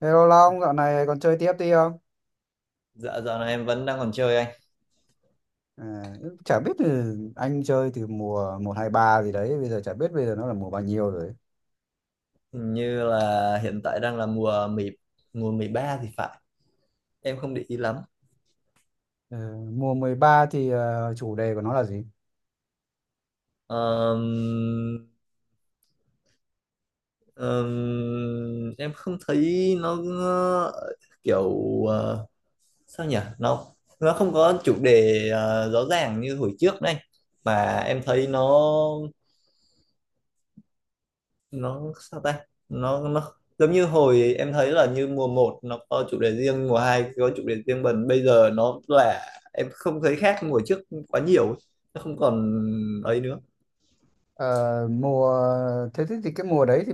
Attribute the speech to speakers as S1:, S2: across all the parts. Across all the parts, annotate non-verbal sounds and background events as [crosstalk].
S1: Hello Long, dạo này còn chơi tiếp đi không?
S2: Dạ, dạo này em vẫn đang còn chơi anh.
S1: À, chả biết từ anh chơi từ mùa một 2 3 gì đấy, bây giờ chả biết bây giờ nó là mùa bao nhiêu rồi.
S2: Hình như là hiện tại đang là mùa 10, mùa 13 thì phải, em không để ý lắm.
S1: Ờ, mùa 13 thì chủ đề của nó là gì?
S2: Ờm, em không thấy nó kiểu ờ, sao nhỉ, nó không có chủ đề rõ ràng như hồi trước này, mà em thấy nó sao ta, nó giống như hồi em thấy là như mùa một nó có chủ đề riêng, mùa 2 có chủ đề riêng, bần bây giờ nó là em không thấy khác mùa trước quá nhiều, nó không còn ấy nữa.
S1: Ờ, mùa Thế thì cái mùa đấy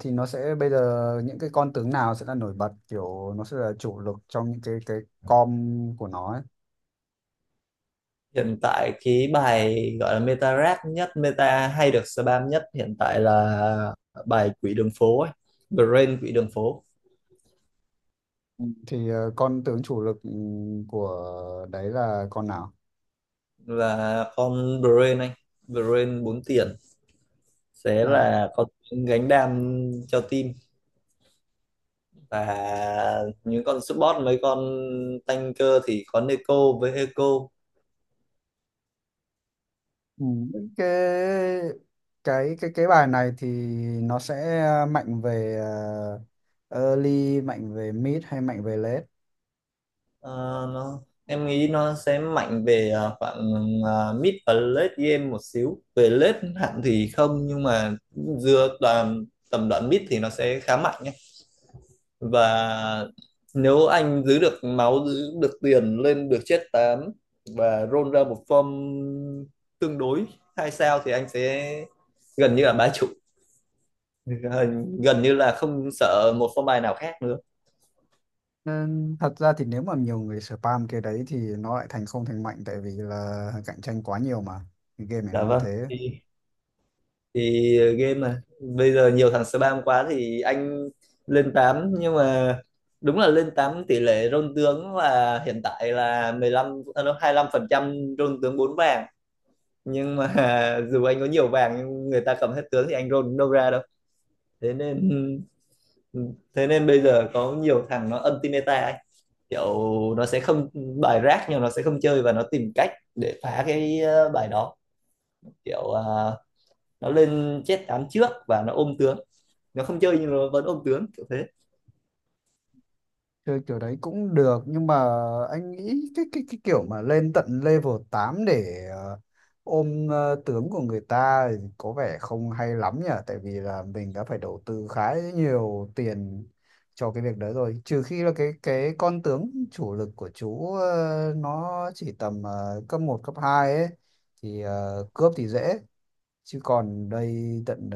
S1: thì nó sẽ bây giờ những cái con tướng nào sẽ là nổi bật, kiểu nó sẽ là chủ lực trong những cái com của nó ấy.
S2: Hiện tại cái bài gọi là meta rap nhất, meta hay được spam nhất hiện tại là bài quỷ đường phố ấy, Brain quỷ đường phố.
S1: Ừ. Thì con tướng chủ lực, ừ, của đấy là con nào?
S2: Là con Brain anh, Brain bốn tiền sẽ
S1: À,
S2: là con gánh đam cho team, và những con support mấy con tanker thì có Neko với Eco.
S1: ừ, cái cái bài này thì nó sẽ mạnh về ờ, early, mạnh về mid hay mạnh về late?
S2: Ờ, nó em nghĩ nó sẽ mạnh về khoảng mid và late game một xíu, về late hẳn thì không, nhưng mà dựa toàn tầm đoạn mid thì nó sẽ khá mạnh nhé. Và nếu anh giữ được máu, giữ được tiền, lên được chết 8 và roll ra một form tương đối hai sao thì anh sẽ gần như là bá chủ, gần gần như là không sợ một phong bài nào khác nữa.
S1: Nên thật ra thì nếu mà nhiều người spam cái đấy thì nó lại thành không thành mạnh, tại vì là cạnh tranh quá nhiều mà cái game này
S2: Dạ
S1: nó là
S2: vâng,
S1: thế.
S2: thì game mà bây giờ nhiều thằng spam quá thì anh lên tám, nhưng mà đúng là lên 8 tỷ lệ rôn tướng là hiện tại là 15, 25% rôn tướng 4 vàng, nhưng mà [laughs] dù anh có nhiều vàng nhưng người ta cầm hết tướng thì anh rôn cũng đâu ra đâu. Thế nên, thế nên bây giờ có nhiều thằng nó anti meta ấy, kiểu nó sẽ không bài rác nhưng nó sẽ không chơi và nó tìm cách để phá cái bài đó, kiểu à, nó lên chết án trước và nó ôm tướng, nó không chơi nhưng nó vẫn ôm tướng kiểu thế.
S1: Chơi kiểu đấy cũng được nhưng mà anh nghĩ cái kiểu mà lên tận level 8 để ờ, ôm tướng của người ta thì có vẻ không hay lắm nhỉ, tại vì là mình đã phải đầu tư khá nhiều tiền cho cái việc đấy rồi, trừ khi là cái con tướng chủ lực của chú nó chỉ tầm cấp một cấp 2 ấy thì cướp thì dễ, chứ còn đây tận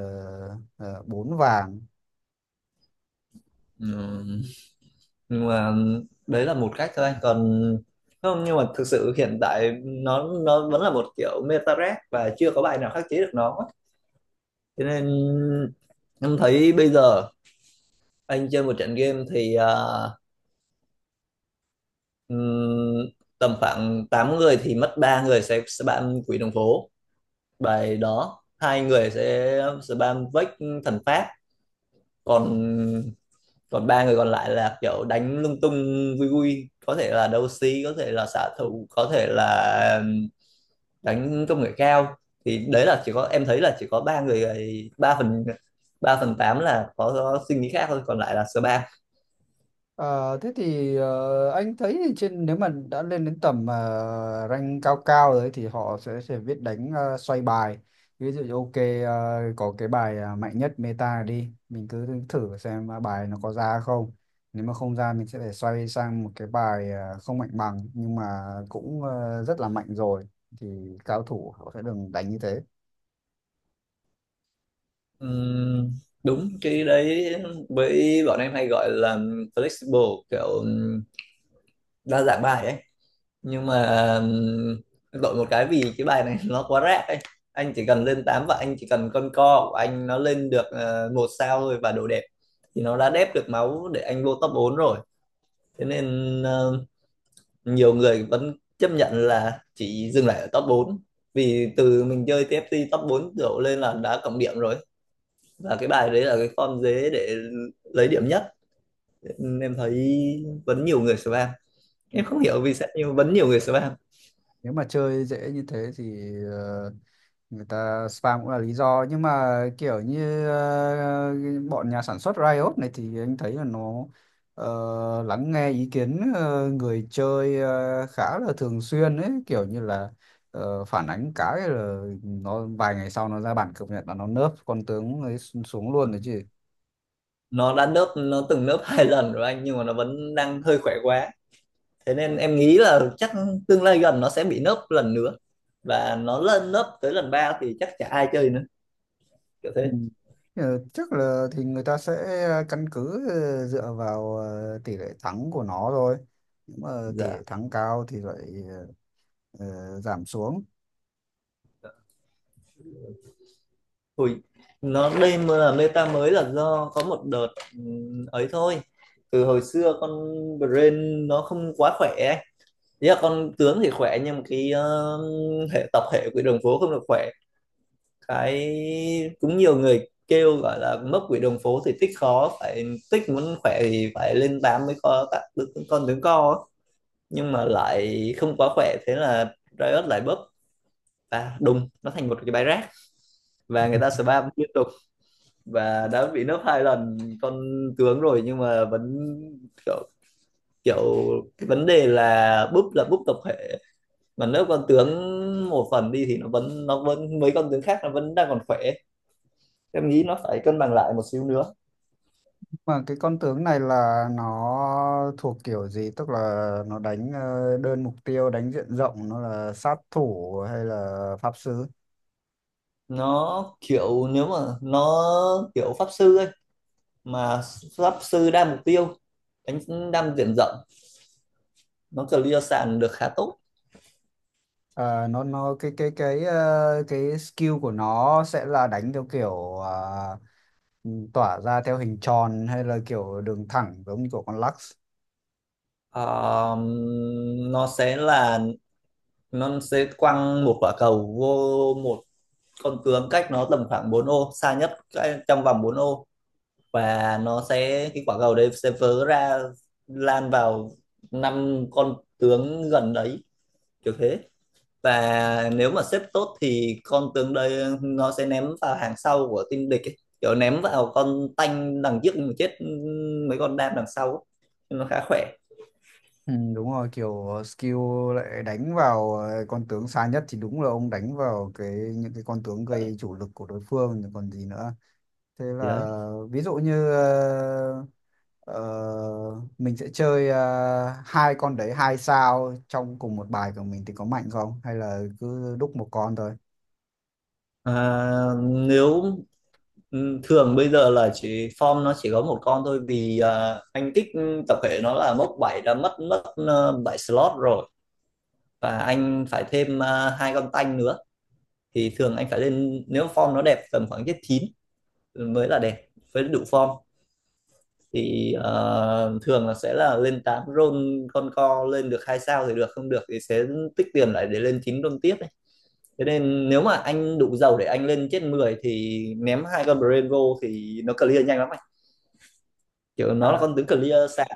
S1: 4 vàng.
S2: Ừ, nhưng mà ừ, đấy là một cách thôi anh, còn không, nhưng mà thực sự hiện tại nó vẫn là một kiểu meta rác và chưa có bài nào khắc chế được nó, cho nên em thấy bây giờ anh chơi một trận game thì ừm, tầm khoảng 8 người thì mất ba người sẽ bạn quỷ đường phố bài đó, hai người sẽ spam vách thần pháp, còn còn ba người còn lại là kiểu đánh lung tung, vui vui, có thể là đấu sĩ, có thể là xạ thủ, có thể là đánh công nghệ cao. Thì đấy là chỉ có em thấy là chỉ có ba người, ba phần, ba phần tám là có suy nghĩ khác thôi, còn lại là spam.
S1: Ờ, Thế thì anh thấy thì trên nếu mà đã lên đến tầm rank cao cao rồi ấy thì họ sẽ biết đánh xoay bài. Ví dụ như ok, có cái bài mạnh nhất meta đi, mình cứ thử xem bài nó có ra không. Nếu mà không ra mình sẽ phải xoay sang một cái bài không mạnh bằng nhưng mà cũng rất là mạnh rồi, thì cao thủ họ sẽ đừng đánh như thế.
S2: Ừm, đúng cái đấy với bọn em hay gọi là flexible, kiểu đa dạng bài ấy, nhưng mà đổi một cái vì cái bài này [laughs] nó quá rác ấy, anh chỉ cần lên 8 và anh chỉ cần con co của anh nó lên được một sao thôi và độ đẹp thì nó đã đép được máu để anh vô top 4 rồi. Thế nên nhiều người vẫn chấp nhận là chỉ dừng lại ở top bốn, vì từ mình chơi TFT top 4 đổ lên là đã cộng điểm rồi, và cái bài đấy là cái form dế để lấy điểm nhất, nên em thấy vẫn nhiều người spam, em không hiểu vì sao nhưng vẫn nhiều người spam.
S1: Nếu mà chơi dễ như thế thì ờ, người ta spam cũng là lý do, nhưng mà kiểu như bọn nhà sản xuất Riot này thì anh thấy là nó ờ, lắng nghe ý kiến người chơi khá là thường xuyên ấy, kiểu như là phản ánh cái là nó vài ngày sau nó ra bản cập nhật là nó nerf con tướng ấy xuống luôn rồi chứ.
S2: Nó đã nớp, nó từng nớp hai lần rồi anh, nhưng mà nó vẫn đang hơi khỏe quá, thế nên em nghĩ là chắc tương lai gần nó sẽ bị nớp lần nữa, và nó lên nớp tới lần ba thì chắc chả ai chơi nữa, kiểu
S1: Ừ.
S2: thế.
S1: Chắc là thì người ta sẽ căn cứ dựa vào tỷ lệ thắng của nó thôi. Nếu mà tỷ lệ
S2: Dạ.
S1: thắng cao thì lại ờ, giảm xuống.
S2: Ui, nó đây mà là meta mới là do có một đợt ấy thôi, từ hồi xưa con brain nó không quá khỏe ấy, ý là con tướng thì khỏe nhưng mà cái hệ tập hệ của đường phố không được khỏe, cái cũng nhiều người kêu gọi là mấp quỷ đường phố thì tích khó phải, tích muốn khỏe thì phải lên 8 mới có tác con tướng co á. Nhưng mà lại không quá khỏe, thế là Riot lại bấp và đùng nó thành một cái bãi rác và người ta spam liên tục, và đã bị nấp hai lần con tướng rồi, nhưng mà vẫn kiểu, kiểu cái vấn đề là búp, là búp tập thể mà, nếu con tướng một phần đi thì nó vẫn mấy con tướng khác nó vẫn đang còn khỏe, em nghĩ nó phải cân bằng lại một xíu nữa.
S1: Mà cái con tướng này là nó thuộc kiểu gì? Tức là nó đánh đơn mục tiêu, đánh diện rộng, nó là sát thủ hay là pháp sư?
S2: Nó kiểu, nếu mà nó kiểu pháp sư ấy, mà pháp sư đa mục tiêu, đánh đam diện rộng, nó clear sàn được khá tốt.
S1: À, nó cái skill của nó sẽ là đánh theo kiểu à, tỏa ra theo hình tròn hay là kiểu đường thẳng giống như của con Lux?
S2: Ờ, nó sẽ là, nó sẽ quăng một quả cầu vô một con tướng cách nó tầm khoảng 4 ô xa nhất, cái- trong vòng 4 ô, và nó sẽ cái quả cầu đấy sẽ vớ ra, lan vào năm con tướng gần đấy, kiểu thế. Và nếu mà xếp tốt thì con tướng đây nó sẽ ném vào hàng sau của team địch ấy, kiểu ném vào con tanh đằng trước mà chết mấy con đam đằng sau ấy. Nhưng nó khá khỏe.
S1: Ừ, đúng rồi, kiểu skill lại đánh vào con tướng xa nhất thì đúng là ông đánh vào cái những cái con tướng gây chủ lực của đối phương rồi còn gì nữa. Thế
S2: Thì đấy,
S1: là ví dụ như mình sẽ chơi hai con đấy hai sao trong cùng một bài của mình thì có mạnh không, hay là cứ đúc một con thôi?
S2: à, nếu thường bây giờ là chỉ form nó chỉ có một con thôi, vì anh kích tập thể nó là mốc 7 đã mất mất 7 slot rồi và anh phải thêm hai con tanh nữa, thì thường anh phải lên nếu form nó đẹp tầm khoảng chết 9 mới là đẹp với đủ form, thì thường là sẽ là lên 8 roll con co lên được hai sao thì được, không được thì sẽ tích tiền lại để lên 9 roll tiếp ấy. Thế nên nếu mà anh đủ giàu để anh lên chết 10 thì ném hai con Brain vô thì nó clear nhanh lắm anh. Kiểu nó là
S1: À,
S2: con tướng clear sạc.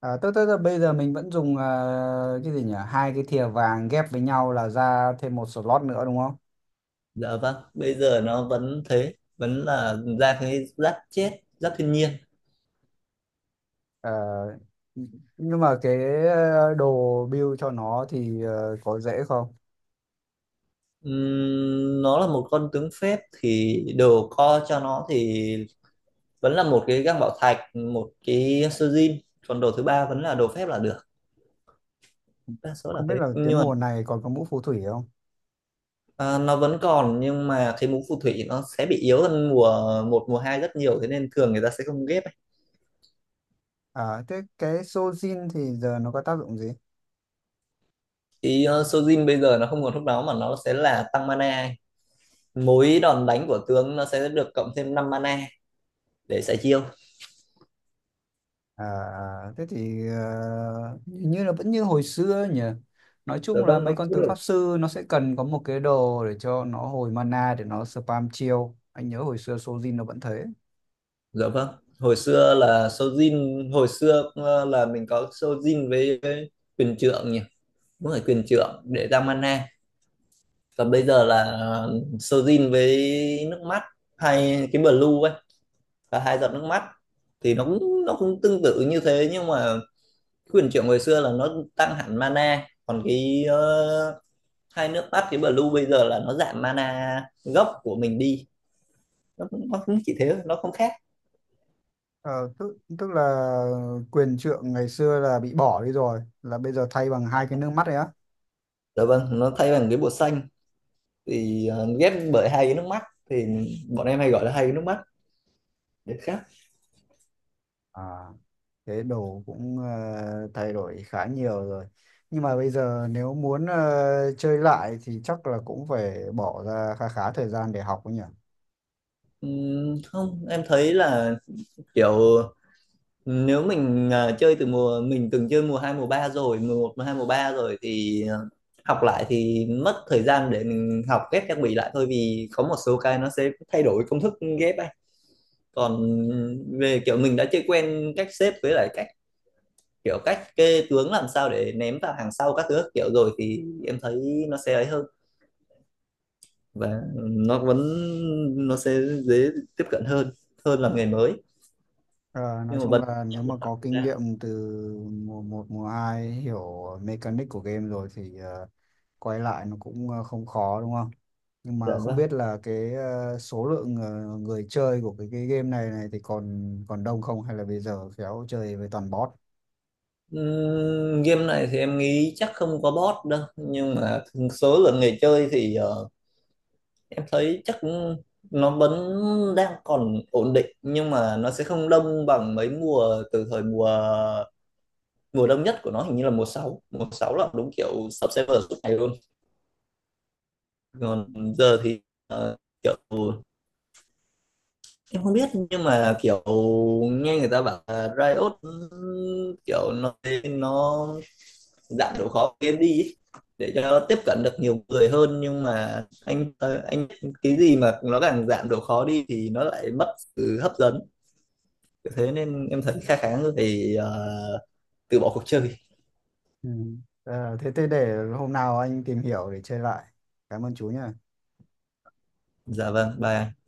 S1: à, tức là bây giờ mình vẫn dùng cái gì nhỉ, hai cái thìa vàng ghép với nhau là ra thêm một slot nữa đúng không?
S2: Dạ vâng, bây giờ nó vẫn thế, vẫn là ra cái giáp chết, giáp thiên nhiên.
S1: Ờ, nhưng mà cái đồ build cho nó thì có dễ không?
S2: Nó là một con tướng phép thì đồ co cho nó thì vẫn là một cái găng bảo thạch, một cái sơ jin, còn đồ thứ ba vẫn là đồ phép là được. Đa số là
S1: Không biết
S2: thế
S1: là cái
S2: nhưng mà
S1: mùa này còn có mũ phù thủy không?
S2: nó vẫn còn, nhưng mà cái mũ phù thủy nó sẽ bị yếu hơn mùa một mùa hai rất nhiều, thế nên thường người ta sẽ không ghép ấy.
S1: À, thế cái Sojin thì giờ nó có tác dụng gì?
S2: Thì Sojin bây giờ nó không còn lúc đó mà nó sẽ là tăng mana ấy, mỗi đòn đánh của tướng nó sẽ được cộng thêm năm mana để xài chiêu.
S1: À, thế thì hình như là vẫn như hồi xưa nhỉ? Nói
S2: Dạ
S1: chung là
S2: vâng nó
S1: mấy con
S2: cũng
S1: tướng
S2: được.
S1: pháp sư nó sẽ cần có một cái đồ để cho nó hồi mana để nó spam chiêu. Anh nhớ hồi xưa Sojin nó vẫn thế.
S2: Dạ vâng, hồi xưa là Sojin, hồi xưa là mình có Sojin với quyền trượng nhỉ, đúng rồi, quyền trượng để tăng mana, còn bây giờ là Sojin với nước mắt hay cái blue ấy, và hai giọt nước mắt, thì nó cũng tương tự như thế, nhưng mà quyền trượng hồi xưa là nó tăng hẳn mana, còn cái hai nước mắt cái blue bây giờ là nó giảm mana gốc của mình đi, nó cũng chỉ thế, nó không khác.
S1: Ờ, tức là quyền trượng ngày xưa là bị bỏ đi rồi, là bây giờ thay bằng hai cái nước mắt ấy á.
S2: Dạ vâng, nó thay bằng cái bột xanh thì ghép bởi hai cái nước mắt, thì bọn em hay gọi là hai cái nước mắt để khác.
S1: À, thế đồ cũng thay đổi khá nhiều rồi. Nhưng mà bây giờ nếu muốn chơi lại thì chắc là cũng phải bỏ ra khá khá thời gian để học ấy nhỉ.
S2: Không em thấy là kiểu nếu mình chơi từ mùa, mình từng chơi mùa 2 mùa 3 rồi, mùa một mùa 2 mùa 3 rồi, thì học lại thì mất thời gian để mình học ghép trang bị lại thôi, vì có một số cái nó sẽ thay đổi công thức ghép ấy, còn về kiểu mình đã chơi quen cách xếp, với lại cách kiểu cách kê tướng làm sao để ném vào hàng sau các thứ các kiểu rồi, thì em thấy nó sẽ ấy hơn, và nó vẫn, nó sẽ dễ tiếp cận hơn hơn là nghề mới.
S1: Ờ, nói
S2: Nhưng mà
S1: chung
S2: vẫn
S1: là
S2: mất
S1: nếu mà
S2: một khoảng
S1: có
S2: thời
S1: kinh
S2: gian.
S1: nghiệm từ mùa một mùa hai, hiểu mechanic của game rồi thì quay lại nó cũng không khó đúng không? Nhưng
S2: Dạ
S1: mà không
S2: vâng.
S1: biết là cái số lượng người chơi của cái game này này thì còn còn đông không, hay là bây giờ khéo chơi với toàn bot?
S2: Game này thì em nghĩ chắc không có bot đâu, nhưng mà số lượng người chơi thì em thấy chắc nó vẫn đang còn ổn định, nhưng mà nó sẽ không đông bằng mấy mùa từ thời mùa, mùa đông nhất của nó hình như là mùa sáu, mùa 6 là đúng kiểu sub server suốt ngày luôn. Còn giờ thì ờ, kiểu em không biết, nhưng mà kiểu nghe người ta bảo là Riot kiểu nó dạng độ khó của game đi ấy, để cho tiếp cận được nhiều người hơn, nhưng mà anh anh cái gì mà nó càng giảm độ khó đi thì nó lại mất sự hấp dẫn, thế nên em thấy khá, khá người phải từ bỏ cuộc chơi.
S1: Ừ. Ờ, thế thế để hôm nào anh tìm hiểu để chơi lại. Cảm ơn chú nhé.
S2: Dạ vâng, bye anh.